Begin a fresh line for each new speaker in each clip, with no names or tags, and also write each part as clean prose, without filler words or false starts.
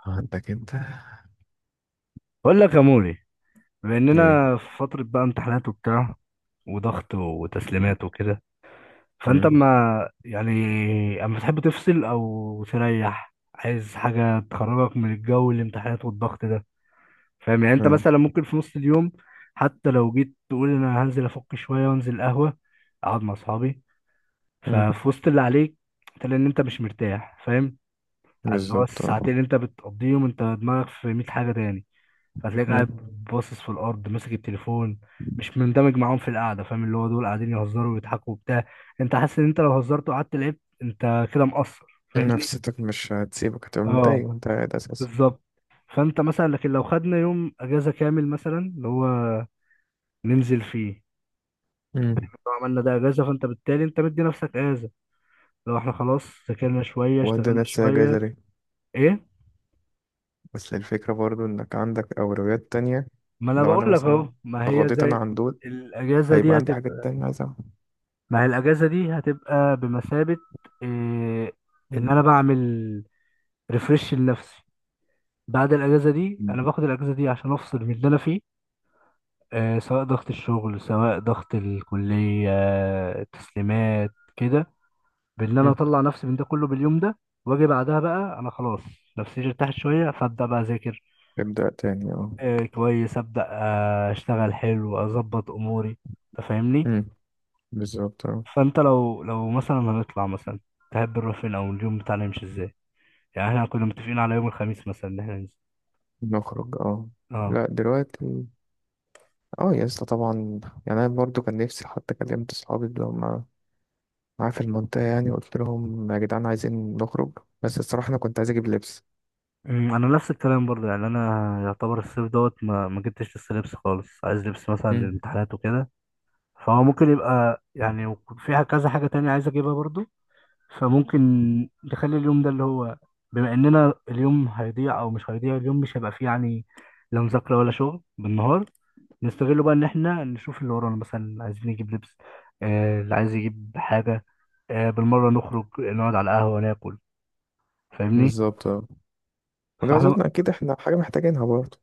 عندك انت
بقول لك يا موري، بما
ايه.
اننا في فترة بقى امتحانات وبتاع وضغط وتسليمات وكده، فانت
مم.
يعني اما تحب تفصل او تريح، عايز حاجة تخرجك من الجو الامتحانات والضغط ده، فاهم؟ يعني انت
اه.
مثلا ممكن في نص اليوم حتى لو جيت تقول انا هنزل افك شوية وانزل قهوة اقعد مع اصحابي،
مم.
ففي وسط اللي عليك تلاقي ان انت مش مرتاح، فاهم؟ اللي هو
بالظبط اه.
الساعتين اللي انت بتقضيهم انت دماغك في 100 حاجة تاني، فتلاقيك
مم.
قاعد باصص في الارض ماسك التليفون، مش مندمج معاهم في القعده، فاهم؟ اللي هو دول قاعدين يهزروا ويضحكوا وبتاع، انت حاسس ان انت لو هزرت وقعدت لعبت انت كده مقصر، فاهمني؟
نفسيتك مش هتسيبك، هتبقى
اه،
متضايق وانت قاعد اساسا.
بالظبط. فانت مثلا، لكن لو خدنا يوم اجازه كامل مثلا، اللي هو ننزل فيه،
مم.
لو عملنا ده اجازه فانت بالتالي انت مدي نفسك اجازه. لو احنا خلاص ذاكرنا شويه
وده
اشتغلنا
نفسي اجازة
شويه.
ليه.
ايه،
بس الفكرة برضو انك عندك اولويات تانية.
ما انا
لو
بقول
انا
لك اهو،
مثلا
ما هي
غضيت انا
زي
عن دول،
الاجازه
هيبقى
دي
عندي
هتبقى،
حاجات تانية عايز اعملها.
ما هي الاجازه دي هتبقى بمثابه إيه، ان
مم.
انا بعمل ريفرش لنفسي. بعد الاجازه دي
مم.
انا باخد الاجازه دي عشان افصل من اللي انا فيه، إيه، سواء ضغط الشغل سواء ضغط الكليه التسليمات كده، بان انا
مم.
اطلع نفسي من ده كله باليوم ده. واجي بعدها بقى انا خلاص نفسيتي ارتاحت شويه فابدا بقى اذاكر،
ابدأ تاني اه.
إيه، كويس، ابدا، اشتغل حلو اظبط اموري، تفهمني؟
مم. بالظبط اه.
فانت لو مثلا هنطلع مثلا، تحب نروح فين، او اليوم بتاعنا يمشي ازاي؟ يعني احنا كنا متفقين على يوم الخميس مثلا ان احنا ننزل،
نخرج اه.
اه.
لا دلوقتي. اه يا اسطى طبعا. يعني انا برضو كان نفسي، حتى كلمت اصحابي اللي هم معاه في المنطقة، يعني قلت لهم يا جدعان عايزين نخرج. بس الصراحة أنا كنت عايز أجيب لبس.
أمم، مم. انا نفس الكلام برضه، يعني انا يعتبر الصيف دوت، ما جبتش لسه لبس خالص، عايز لبس مثلا
امم.
للامتحانات وكده، فهو ممكن يبقى يعني فيها كذا حاجة تانية عايز اجيبها برضه. فممكن نخلي اليوم ده اللي هو، بما اننا اليوم هيضيع او مش هيضيع، اليوم مش هيبقى فيه يعني لا مذاكرة ولا شغل بالنهار، نستغله بقى ان احنا نشوف اللي ورانا، مثلا عايزين نجيب لبس، اللي عايز يجيب حاجة، بالمرة نخرج نقعد على القهوة ناكل، فاهمني؟
بالظبط اه. وده
فاحنا،
أظن أكيد إحنا حاجة محتاجينها برضه.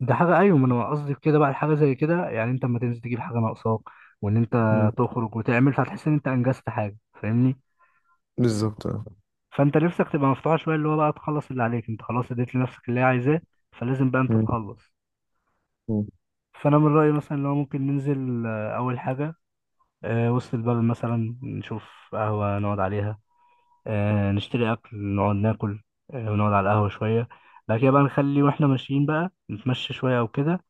ده حاجه، ايوه، ما انا قصدي في كده بقى، الحاجه زي كده يعني انت اما تنزل تجيب حاجه ناقصاك وان انت
امم.
تخرج وتعمل، فهتحس ان انت انجزت حاجه، فاهمني؟
بالظبط اه.
فانت نفسك تبقى مفتوحه شويه، اللي هو بقى تخلص اللي عليك، انت خلاص اديت لنفسك اللي هي عايزاه، فلازم بقى انت
مم.
تخلص.
مم.
فانا من رايي مثلا اللي هو ممكن ننزل، اول حاجه وسط البلد مثلا، نشوف قهوه نقعد عليها، نشتري اكل نقعد ناكل، ونقعد على القهوه شويه، بعد كده بقى نخلي، واحنا ماشيين بقى نتمشى شويه او كده،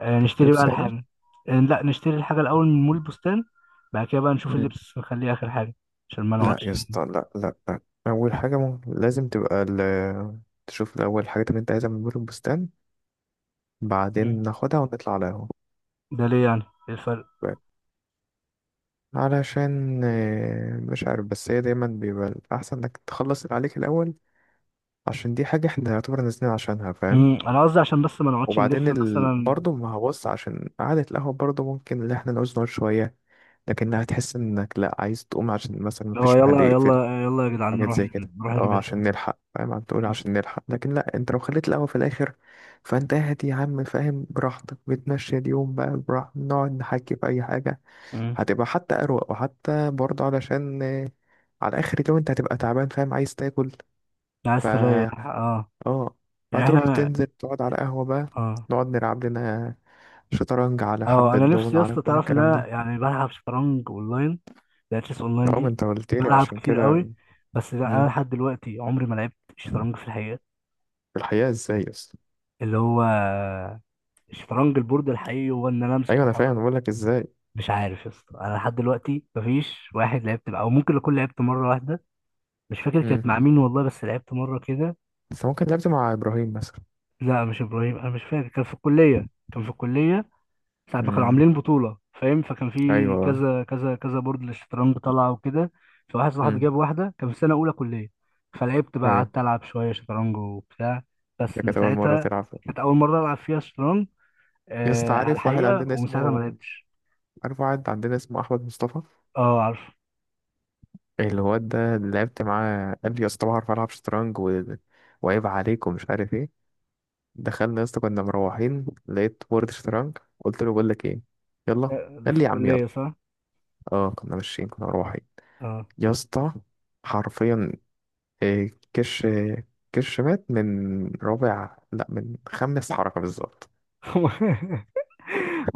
نشتري بقى
لبس يعني.
الحاجة، لا، نشتري الحاجة الأول من مول البستان، بعد كده بقى نشوف
امم.
اللبس نخليه آخر حاجة عشان ما
لا يا
نقعدش.
اسطى، لا لا لا. أول حاجة ممكن لازم تبقى تشوف الأول الحاجات اللي أنت عايزها من بور البستان، بعدين
مم.
ناخدها ونطلع على القهوة.
ده ليه يعني؟ إيه الفرق؟
علشان مش عارف، بس هي دايما بيبقى الأحسن إنك تخلص اللي عليك الأول. عشان دي حاجة إحنا يعتبر نازلين عشانها، فاهم.
أنا قصدي عشان بس ما نقعدش
وبعدين
نلف مثلا.
برضه ما هبص، عشان قعدة القهوة برضه ممكن اللي احنا نعوز نقعد شوية. لكن هتحس انك لا عايز تقوم، عشان مثلا
هو
مفيش محل
يلا
يقفل.
يلا يلا يا جدعان
حاجات
نروح،
زي كده.
نروح
او
نجيب الحاجة.
عشان نلحق، فاهم؟ عم تقول
مم.
عشان نلحق، لكن لا، انت لو خليت القهوة في الاخر، فانت قاعد يا عم، فاهم، براحتك، بتمشي اليوم بقى براحتك، نقعد نحكي في اي حاجة.
مم.
هتبقى حتى اروق، وحتى برضه علشان على اخر اليوم انت هتبقى تعبان، فاهم، عايز تاكل. ف
عايز تريح، اه.
اه،
يعني
هتروح
احنا،
تنزل تقعد على قهوة بقى،
اه،
نقعد نلعب لنا شطرنج، على
اه،
حبة
انا نفسي
دومنة،
يا
على
اسطى
كل
تعرف ان
الكلام
انا
ده.
يعني بلعب شطرنج اونلاين، لاتلس اونلاين
اه ما
دي،
انت قلت لي
بلعب
عشان
كتير
كده.
قوي، بس لا،
مم.
انا لحد دلوقتي عمري ما لعبت شطرنج في الحقيقة.
في الحقيقة ازاي اصلا؟
اللي هو الشطرنج البورد الحقيقي، هو ان انا امسك
ايوه انا
واحرك.
فاهم، بقول لك ازاي.
مش عارف يا اسطى، انا لحد دلوقتي مفيش واحد لعبت معاه، او ممكن اكون لعبت مره واحده. مش فاكر
مم.
كانت مع مين والله، بس لعبت مره كده.
بس ممكن لعبت مع ابراهيم مثلا.
لا مش ابراهيم، انا مش فاكر، كان في الكليه ساعه ما كانوا
مم.
عاملين بطوله، فاهم؟ فكان في
ايوه.
كذا كذا كذا بورد للشطرنج طالعه وكده، فواحد صاحبي
مم.
جاب واحده، كان في سنه اولى كليه، فلعبت بقى،
ايوه.
قعدت العب شويه شطرنج وبتاع. بس
ده
من
كانت اول مرة
ساعتها،
تلعب؟
كانت اول مره العب فيها شطرنج
يا اسطى
على
عارف واحد
الحقيقه،
عندنا
ومن ساعتها ما
اسمه،
لعبتش.
عارف واحد عندنا اسمه احمد مصطفى.
اه، عارف.
الواد ده اللي لعبت معاه، قال لي يا اسطى بعرف العب شطرنج وعيب عليك ومش عارف ايه. دخلنا يا اسطى كنا مروحين، لقيت بورد شطرنج، قلت له بقول لك ايه، يلا.
ده
قال
في
لي يا عم يلا.
الكلية، صح؟
اه كنا ماشيين كنا روحي.
اه.
يا اسطى، حرفيا، كش، كش مات من رابع، لا، من خامس حركة بالظبط.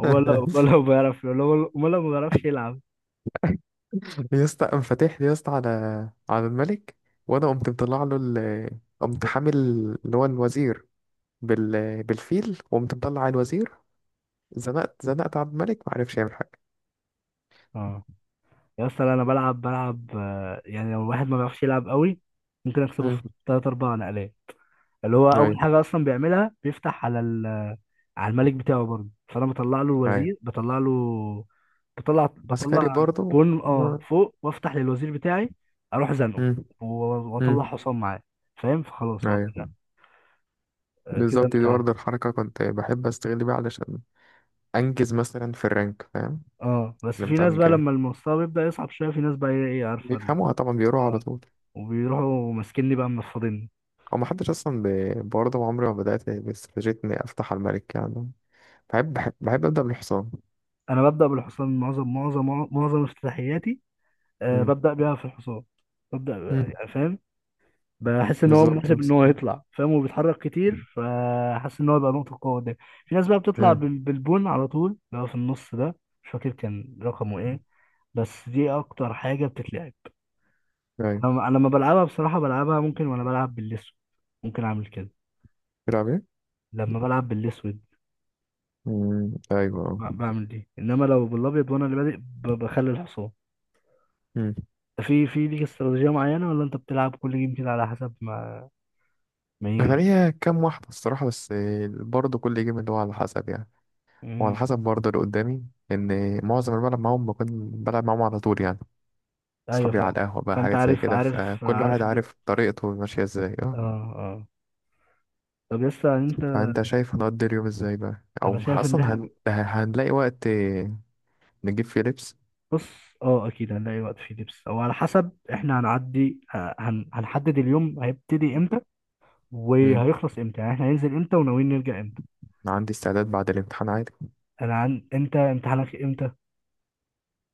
امال لو، امال لو بيعرف، امال لو ما بيعرفش يلعب.
يا اسطى قام فاتح لي يا اسطى على الملك. وانا قمت مطلع له قمت حامل اللي هو الوزير، بالفيل، وقمت مطلع على الوزير، زنقت على الملك، ما عرفش يعمل حاجة.
اه يا اسطى، لا، انا بلعب يعني لو الواحد ما بيعرفش يلعب قوي ممكن اكسبه
امم.
في تلات اربع نقلات، اللي هو اول
ايوه.
حاجة اصلا بيعملها بيفتح على على الملك بتاعه برضه، فانا بطلع له
ايوه
الوزير، بطلع له، بطلع
عسكري
بطلع
برضه.
بون فوق، وافتح للوزير بتاعي، اروح زنقه
امم.
و- واطلع
امم.
حصان معاه، فاهم؟ فخلاص هو
ايوه
كده، كده
بالظبط، دي
انت.
برضه الحركة كنت بحب استغل بيها علشان انجز مثلا في الرانك، فاهم.
اه، بس
اللي
في
بتاع
ناس
من
بقى
كده
لما المستوى بيبدأ يصعب شوية، في ناس بقى ايه عارفة
بيفهموها طبعا، بيقروها على
اه،
طول.
وبيروحوا ماسكيني بقى منفضيني.
هو محدش اصلا برضه عمري ما بدات باستراتيجيه اني افتح على الملك يعني. بحب ابدا بالحصان.
انا ببدأ بالحصان، معظم افتتاحياتي، آه
مم.
ببدأ بيها في الحصان، ببدأ
مم.
يعني فاهم؟ بحس ان هو
بالظبط.
مناسب ان هو يطلع، فاهم؟ وبيتحرك كتير فحاسس ان هو يبقى نقطة قوة قدام. في ناس بقى بتطلع
امم.
بالبون على طول، اللي هو في النص ده، مش فاكر كان رقمه ايه، بس دي اكتر حاجة بتتلعب.
ايوه.
انا لما بلعبها بصراحة بلعبها ممكن، وانا بلعب باللسو ممكن اعمل كده،
بتلعب ايه؟
لما بلعب بالاسود
مم. ايوه اه.
بعمل دي، انما لو بالابيض، وانا اللي بادئ بخلي الحصان.
مم.
في ليك استراتيجيه معينه، ولا انت بتلعب كل جيم كده على حسب ما
انا
يجي؟
ليا كام واحده الصراحه، بس برضه كل جيم اللي هو على حسب يعني، وعلى
امم.
حسب برضه اللي قدامي. ان معظم اللي بلعب معاهم بكون بلعب معاهم على طول يعني
ايوه،
اصحابي على
فاهم.
القهوه بقى،
فانت
حاجات زي
عارف،
كده،
عارف
فكل
عارف
واحد
الدماغ.
عارف طريقته ماشيه ازاي
اه،
اه.
اه، طب لسه انت،
فانت شايف هنقضي اليوم ازاي بقى؟
انا
او
شايف ان
اصلا
احنا،
هنلاقي وقت نجيب فيه لبس؟
بص، اه اكيد هنلاقي وقت فيه دبس، او على حسب احنا هنعدي هنحدد اليوم هيبتدي امتى
مم.
وهيخلص امتى، يعني احنا هننزل امتى وناويين نرجع امتى.
أنا عندي استعداد بعد الامتحان عادي.
انا عن انت، امتحانك امتى؟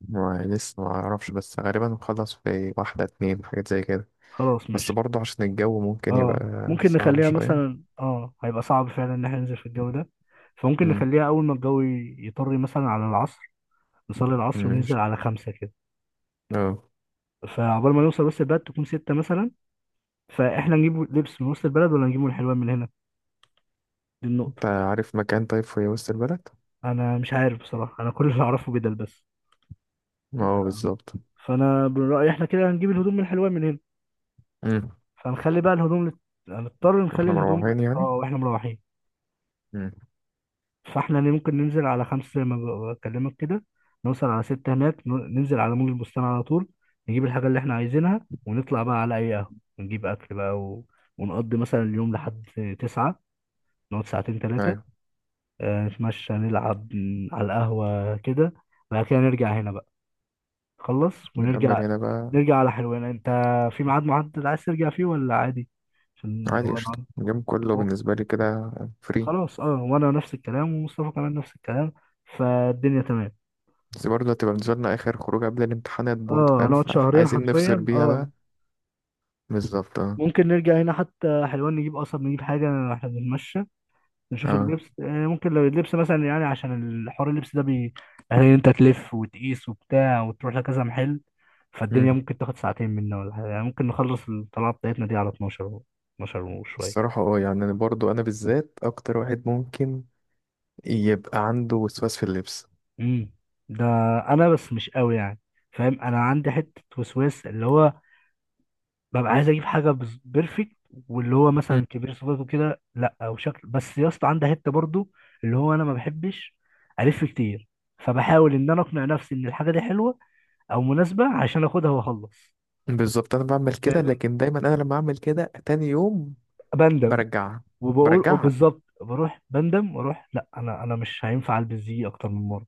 ما لسه ما اعرفش، بس غالبا نخلص في واحدة اتنين، حاجات زي كده.
خلاص
بس
ماشي،
برضه عشان الجو ممكن
اه،
يبقى
ممكن
صعب
نخليها
شوية.
مثلا، اه هيبقى صعب فعلا ان احنا ننزل في الجو ده، فممكن
مم.
نخليها اول ما الجو يطري مثلا على العصر، نصلي العصر وننزل
ماشي
على خمسة كده،
اه.
فعقبال ما نوصل وسط البلد تكون ستة مثلا. فاحنا نجيب لبس من وسط البلد، ولا نجيبه من الحلوان من هنا؟ دي النقطة.
انت عارف مكان طيب في وسط البلد؟
انا مش عارف بصراحة، انا كل اللي اعرفه بدل بس.
اه
لا.
بالظبط.
فانا من رأيي احنا كده هنجيب الهدوم من الحلوان من هنا،
مم.
فنخلي بقى الهدوم هنضطر نخلي
واحنا
الهدوم،
مروحين
اه،
يعني.
واحنا مروحين.
مم.
فاحنا ممكن ننزل على خمسة زي ما بكلمك كده، نوصل على ستة هناك، ننزل على مول البستان على طول، نجيب الحاجة اللي احنا عايزينها، ونطلع بقى على أي قهوة، ونجيب أكل بقى، و... ونقضي مثلا اليوم لحد تسعة، نقعد ساعتين تلاتة،
ايوه.
نتمشى نلعب على القهوة كده، بعد كده نرجع هنا بقى، خلص
نكمل
ونرجع،
هنا بقى.
نرجع على حلوان. انت في ميعاد محدد عايز ترجع فيه ولا عادي؟ عشان
عادي،
لو
قشطة،
انا
اليوم كله
و-
بالنسبة لي كده فري.
خلاص، اه، وانا نفس الكلام، ومصطفى كمان نفس الكلام، فالدنيا تمام.
بس برضه هتبقى بالنسبة لنا آخر خروج قبل الامتحانات برضه،
اه،
فاهم،
هنقعد شهرين
فعايزين نفصل
حرفيا،
بيها
اه.
بقى. بالظبط اه.
ممكن نرجع هنا حتى حلوان، نجيب قصب، نجيب حاجة، احنا بنتمشى، نشوف
اه.
اللبس، ممكن لو اللبس مثلا يعني، عشان الحوار اللبس ده بي، يعني انت تلف وتقيس وبتاع وتروح لكذا محل، فالدنيا
مم.
ممكن تاخد ساعتين منا ولا حاجة، يعني ممكن نخلص الطلعة بتاعتنا دي على 12 12 وشوية.
الصراحة اه يعني أنا برضه أنا بالذات أكتر واحد ممكن يبقى عنده وسواس في اللبس.
امم. ده انا بس مش قوي يعني، فاهم؟ انا عندي حتة وسواس، اللي هو ببقى عايز اجيب حاجه بيرفكت، واللي هو
مم.
مثلا كبير صفاته كده، لا، او شكل، بس يا اسطى عندها حته برضو، اللي هو انا ما بحبش الف كتير، فبحاول ان انا اقنع نفسي ان الحاجه دي حلوه او مناسبه عشان اخدها واخلص،
بالظبط أنا بعمل كده،
فاهمني؟
لكن دايما أنا لما أعمل كده تاني يوم
بندم،
برجعها.
وبقول، او
برجعها.
بالظبط بروح بندم واروح، لا انا مش هينفع البس دي اكتر من مره،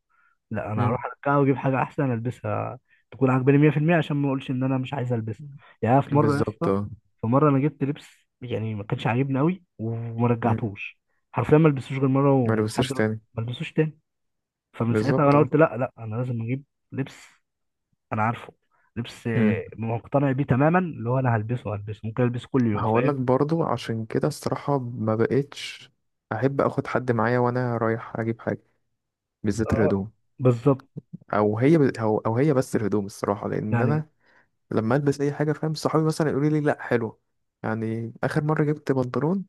لا انا هروح
مم.
ارجعها واجيب حاجه احسن البسها، تكون عاجباني 100% عشان ما اقولش ان انا مش عايز البسها. يعني أنا في مره يا
بالظبط
اسطى،
اه.
في مره انا جبت لبس، يعني ما كانش عاجبني قوي، وما
مم.
رجعتوش، حرفيا ما لبسوش غير مره،
ما
ولحد
لبسش
دلوقتي
تاني.
ما لبسوش تاني. فمن ساعتها
بالظبط
انا
اه.
قلت، لا لا، انا لازم اجيب لبس انا عارفه، لبس
مم.
مقتنع بيه تماما، اللي هو انا هلبسه ممكن البسه كل يوم،
هقول
فاهم؟
لك برضو عشان كده الصراحة ما بقتش أحب أخد حد معايا وأنا رايح أجيب حاجة، بالذات
اه،
الهدوم.
بالظبط.
او هي بس الهدوم الصراحه، لان
يعني
انا لما البس اي حاجه، فاهم، صحابي مثلا يقولوا لي لا حلو. يعني اخر مره جبت بنطلون،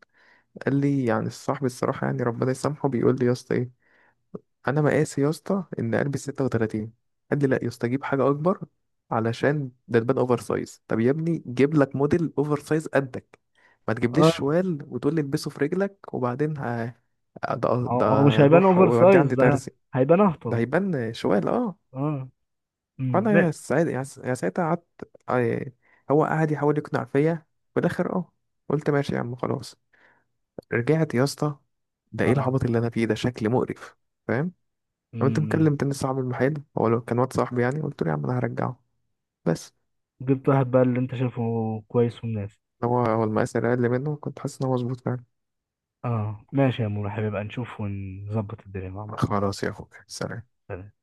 قال لي، يعني الصاحب الصراحه يعني ربنا يسامحه، بيقول لي يا اسطى ايه، انا مقاسي يا اسطى ان البس 36، قال لي لا يا اسطى جيب حاجه اكبر علشان ده تبان اوفر سايز. طب يا ابني جيب لك موديل اوفر سايز قدك، ما تجيبليش
اه،
شوال وتقول لي البسه في رجلك، وبعدين ده
هو
ده
هو مش هيبان
روح
اوفر
ودي
سايز
عندي
ده،
ترزي،
هيبان
ده
اهطل.
هيبان شوال اه.
اه، امم، لا.
فانا ساعتها قعدت، يعني، هو قعد يحاول يقنع فيا، في الاخر اه قلت ماشي يا عم خلاص. رجعت يا اسطى، ده ايه
آه.
العبط اللي انا فيه، ده شكل مقرف، فاهم. قمت
امم.
مكلم تاني صاحب المحل، هو لو كان واد صاحبي، يعني قلت له يا عم انا هرجعه، بس
جبت واحد بقى اللي انت شايفه كويس ومناسب.
هو المقاس اللي اقل منه كنت حاسس ان هو مظبوط فعلا.
اه، ماشي يا مورو حبيبي، بقى نشوف ونظبط الدنيا مع بعض.
خلاص يا اخوك، سلام.
سلام.